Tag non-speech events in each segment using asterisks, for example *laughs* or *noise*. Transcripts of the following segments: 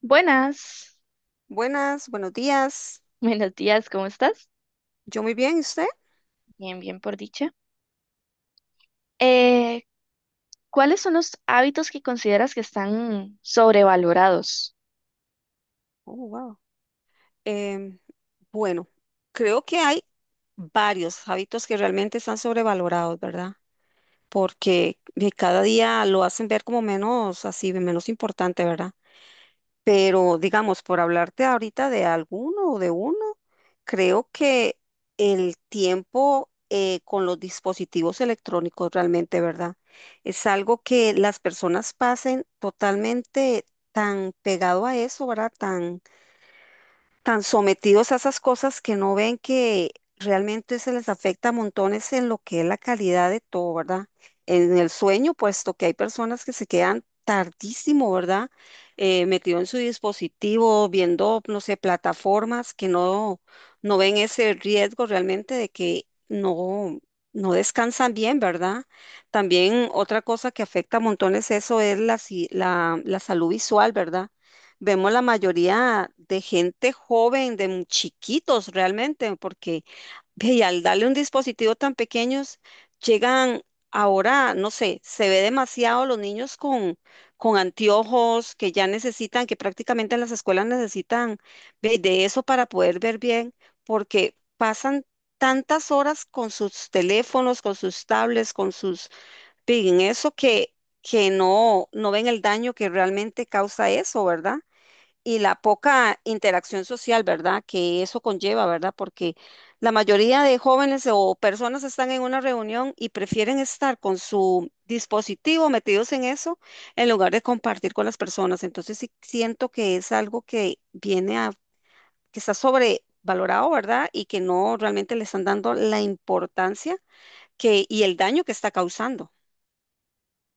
Buenas, Buenas, buenos días. *laughs* buenos días, ¿cómo estás? Yo muy bien, ¿y usted? Bien, bien por dicha. Eh, ¿Cuáles son los hábitos que consideras que están sobrevalorados? Oh, wow. Em, bueno, creo que hay varios hábitos que realmente están sobrevalorados, ¿verdad? Porque de cada día lo hacen ver como menos así, menos importante, ¿verdad? Pero digamos, por hablarte ahorita de alguno o de uno, creo que el tiempo con los dispositivos electrónicos realmente, ¿verdad? Es algo que las personas pasen totalmente tan pegado a eso, ¿verdad? Tan sometidos a esas cosas que no ven que realmente se les afecta a montones en lo que es la calidad de todo, ¿verdad? En el sueño, puesto que hay personas que se quedan tardísimo, ¿verdad? Metido en su dispositivo, viendo, no sé, plataformas que no, no ven ese riesgo realmente de que no, no descansan bien, ¿verdad? También otra cosa que afecta a montones eso es la, si- la salud visual, ¿verdad? Vemos la mayoría de gente joven, de chiquitos realmente, porque ve, y al darle un dispositivo tan pequeños, llegan ahora, no sé, se ve demasiado los niños con anteojos que ya necesitan, que prácticamente en las escuelas necesitan ve, de eso para poder ver bien, porque pasan tantas horas con sus teléfonos, con sus tablets, con sus, ve, en que no, no ven el daño que realmente causa eso, ¿verdad? Y la poca interacción social, ¿verdad? Que eso conlleva, ¿verdad? Porque la mayoría de jóvenes o personas están en una reunión y prefieren estar con su dispositivo metidos en eso en lugar de compartir con las personas. Entonces sí siento que es algo que que está sobrevalorado, ¿verdad? Y que no realmente le están dando la importancia que, y el daño que está causando.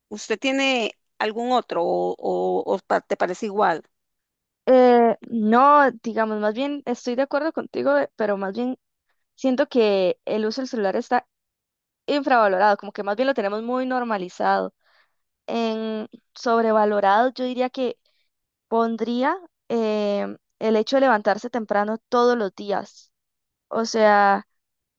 ¿Usted tiene algún otro o te parece igual? No, digamos, más bien estoy de acuerdo contigo, pero más bien siento que el uso del celular está infravalorado, como que más bien lo tenemos muy normalizado. En sobrevalorado, yo diría que pondría el hecho de levantarse temprano todos los días. O sea,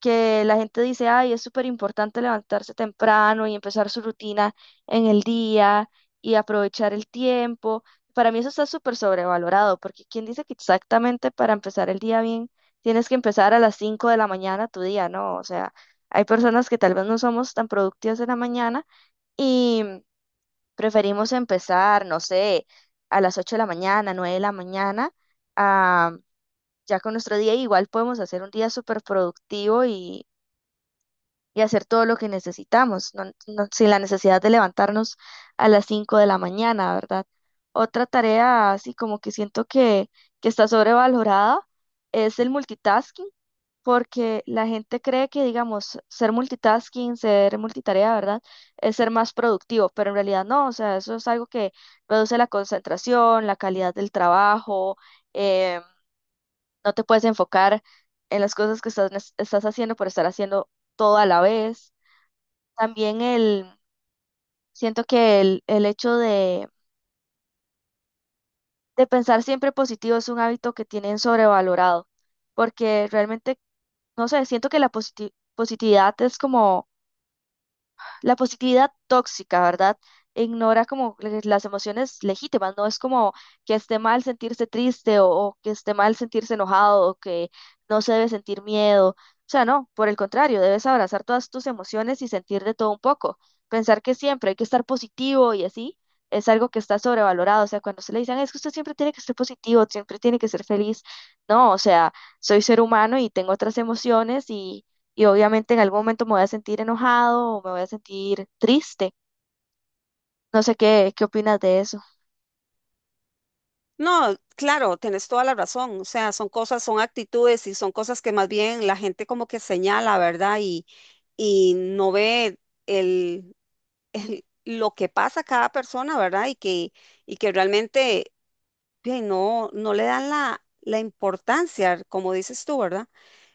que la gente dice, ay, es súper importante levantarse temprano y empezar su rutina en el día y aprovechar el tiempo. Para mí eso está súper sobrevalorado, porque ¿quién dice que exactamente para empezar el día bien tienes que empezar a las 5 de la mañana tu día, ¿no? O sea, hay personas que tal vez no somos tan productivas en la mañana y preferimos empezar, no sé, a las 8 de la mañana, 9 de la mañana, ah, ya con nuestro día igual podemos hacer un día súper productivo y hacer todo lo que necesitamos, sin la necesidad de levantarnos a las 5 de la mañana, ¿verdad? Otra tarea, así como que siento que está sobrevalorada, es el multitasking, porque la gente cree que, digamos, ser multitasking, ser multitarea, ¿verdad? Es ser más productivo, pero en realidad no, o sea, eso es algo que reduce la concentración, la calidad del trabajo, eh, no te puedes enfocar en las cosas que estás haciendo por estar haciendo todo a la vez. También el, Siento que el hecho de pensar siempre positivo es un hábito que tienen sobrevalorado, porque realmente, no sé, siento que la positividad es como la positividad tóxica, ¿verdad? Ignora como las emociones legítimas, no es como que esté mal sentirse triste o que esté mal sentirse enojado o que no se debe sentir miedo. O sea, no, por el contrario, debes abrazar todas tus emociones y sentir de todo un poco. Pensar que siempre hay que estar positivo y así es algo que está sobrevalorado. O sea, cuando se le dicen, es que usted siempre tiene que ser positivo, siempre tiene que ser feliz. No, o sea, soy ser humano y tengo otras emociones y obviamente en algún momento me voy a sentir enojado o me voy a sentir triste. No sé qué opinas de eso. No, claro, tienes toda la razón. O sea, son cosas, son actitudes y son cosas que más bien la gente como que señala, ¿verdad? Y no ve el, lo que pasa a cada persona, ¿verdad? Y que realmente bien, no, no le dan la importancia, como dices tú, ¿verdad?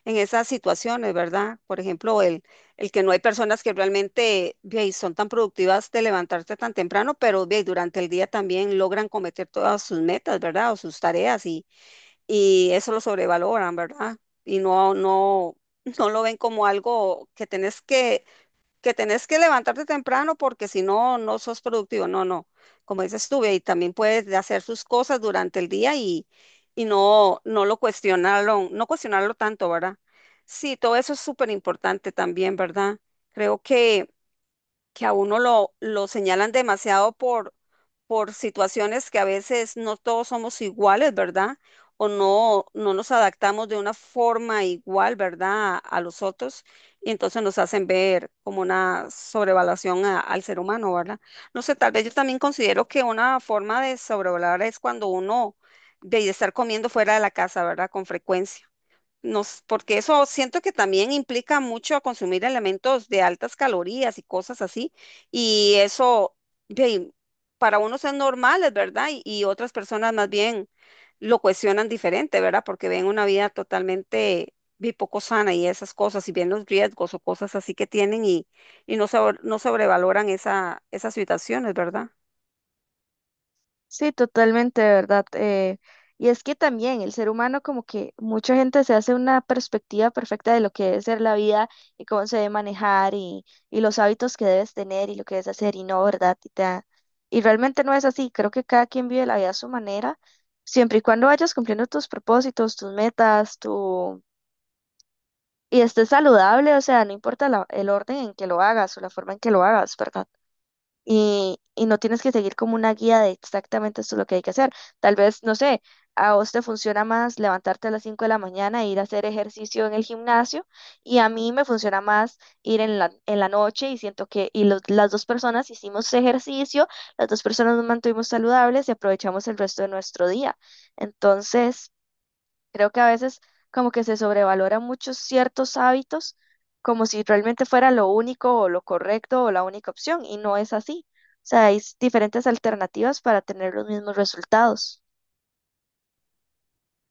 En esas situaciones, ¿verdad? Por ejemplo, el que no hay personas que realmente bien, son tan productivas de levantarse tan temprano, pero bien, durante el día también logran cometer todas sus metas, ¿verdad? O sus tareas y eso lo sobrevaloran, ¿verdad? Y no, no, *laughs* no lo ven como algo que tenés que levantarte temprano porque si no, no sos productivo. No, no. Como dices tú, ve, y también puedes de hacer sus cosas durante el día y no, no cuestionarlo tanto, ¿verdad? Sí, todo eso es súper importante también, ¿verdad? Creo que a uno lo señalan demasiado por situaciones que a veces no todos somos iguales, ¿verdad? O no, no nos adaptamos de una forma igual, ¿verdad? A los otros. Y entonces nos hacen ver como una sobrevaluación al ser humano, ¿verdad? No sé, tal vez yo también considero que una forma de sobrevalorar es cuando uno de estar comiendo fuera de la casa, ¿verdad? Con frecuencia. Nos, porque eso siento que también implica mucho consumir elementos de altas calorías y cosas así. Y eso, ve, para unos es normal, es verdad, y otras personas más bien lo cuestionan diferente, ¿verdad? Porque ven una vida totalmente ve, poco sana y esas cosas, y ven los riesgos o cosas así que tienen y no, no sobrevaloran esas situaciones, ¿verdad? Sí, totalmente, de verdad. Y es que también el ser humano, como que mucha gente se hace una perspectiva perfecta de lo que debe ser la vida y cómo se debe manejar y los hábitos que debes tener y lo que debes hacer y no, ¿verdad? Y realmente no es así. Creo que cada quien vive la vida a su manera, siempre y cuando vayas cumpliendo tus propósitos, tus metas, y esté saludable, o sea, no importa el orden en que lo hagas o la forma en que lo hagas, ¿verdad? Y no tienes que seguir como una guía de exactamente esto es lo que hay que hacer. Tal vez, no sé, a vos te funciona más levantarte a las 5 de la mañana e ir a hacer ejercicio en el gimnasio y a mí me funciona más ir en en la noche y siento que y las dos personas hicimos ejercicio, las dos personas nos mantuvimos saludables y aprovechamos el resto de nuestro día. Entonces... Creo que a veces como que se sobrevalora muchos ciertos hábitos como si realmente fuera lo único o lo correcto o la única opción y no es así. O sea, hay diferentes alternativas para tener los mismos resultados.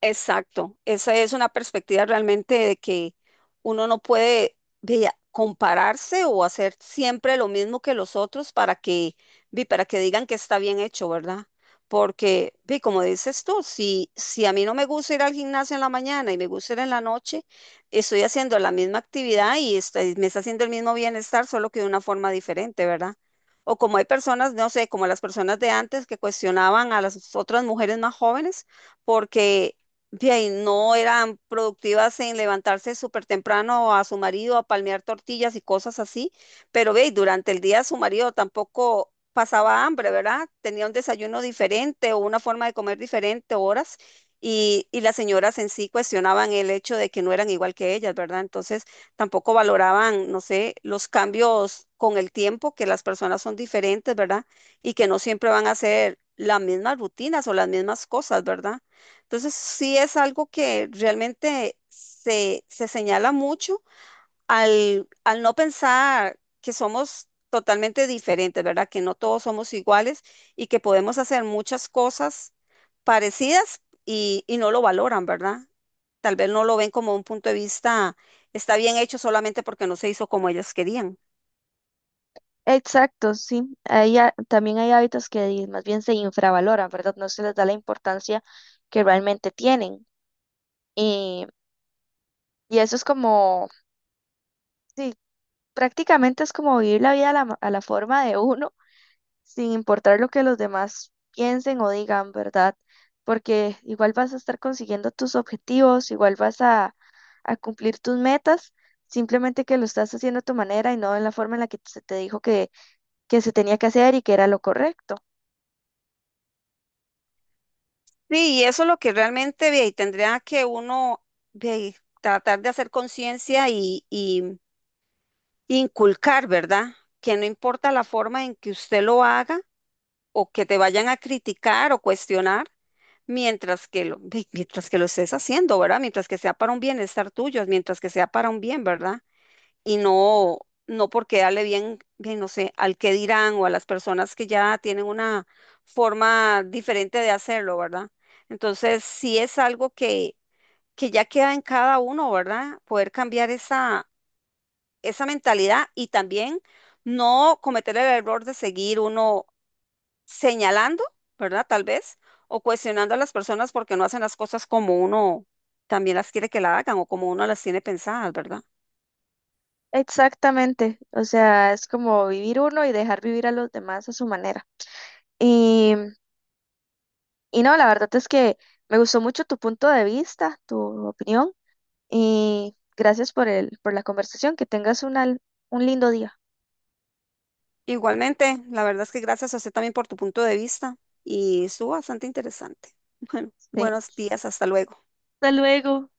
Exacto, esa es una perspectiva realmente de que uno no puede vea, compararse o hacer siempre lo mismo que los otros vi, para que digan que está bien hecho, ¿verdad? Porque, vi, como dices tú, si, si a mí no me gusta ir al gimnasio en la mañana y me gusta ir en la noche, estoy haciendo la misma actividad y me está haciendo el mismo bienestar, solo que de una forma diferente, ¿verdad? O como hay personas, no sé, como las personas de antes que cuestionaban a las otras mujeres más jóvenes porque de ahí no eran productivas en levantarse súper temprano a su marido a palmear tortillas y cosas así, pero ve, y durante el día su marido tampoco pasaba hambre, ¿verdad? Tenía un desayuno diferente o una forma de comer diferente, horas, y las señoras en sí cuestionaban el hecho de que no eran igual que ellas, ¿verdad? Entonces tampoco valoraban, no sé, los cambios con el tiempo, que las personas son diferentes, ¿verdad? Y que no siempre van a hacer las mismas rutinas o las mismas cosas, ¿verdad? Entonces, sí es algo que realmente se señala mucho al no pensar que somos totalmente diferentes, ¿verdad? Que no todos somos iguales y que podemos hacer muchas cosas parecidas y no lo valoran, ¿verdad? Tal vez no lo ven como un punto de vista, está bien hecho solamente porque no se hizo como ellas querían. Exacto, sí. También hay hábitos que más bien se infravaloran, ¿verdad? No se les da la importancia que realmente tienen. Y, y eso es como, sí, prácticamente es como vivir la vida a a la forma de uno sin importar lo que los demás piensen o digan, ¿verdad? Porque igual vas a estar consiguiendo tus objetivos, a cumplir tus metas, simplemente que lo estás haciendo a tu manera y no en la forma en la que se te dijo que se tenía que hacer y que era lo correcto. Sí, y eso es lo que realmente ve, y tendría que uno ve, tratar de hacer conciencia y inculcar, ¿verdad? Que no importa la forma en que usted lo haga o que te vayan a criticar o cuestionar, mientras que lo estés haciendo, ¿verdad? Mientras que sea para un bienestar tuyo, mientras que sea para un bien, ¿verdad? Y no, no porque darle bien, bien, no sé, al que dirán o a las personas que ya tienen una forma diferente de hacerlo, ¿verdad? Entonces, sí es algo que ya queda en cada uno, ¿verdad? Poder cambiar esa esa mentalidad y también no cometer el error de seguir uno señalando, ¿verdad? Tal vez, o cuestionando a las personas porque no hacen las cosas como uno también las quiere que la hagan o como uno las tiene pensadas, ¿verdad? Exactamente, o sea, es como vivir uno y dejar vivir a los demás a su manera. Y, y no, la verdad es que me gustó mucho tu punto de vista, tu opinión. Y gracias por por la conversación. Que tengas un al un lindo día. Igualmente, la verdad es que gracias a usted también por tu punto de vista y estuvo bastante interesante. *laughs* Bueno, buenos *laughs* días, hasta luego. Hasta luego.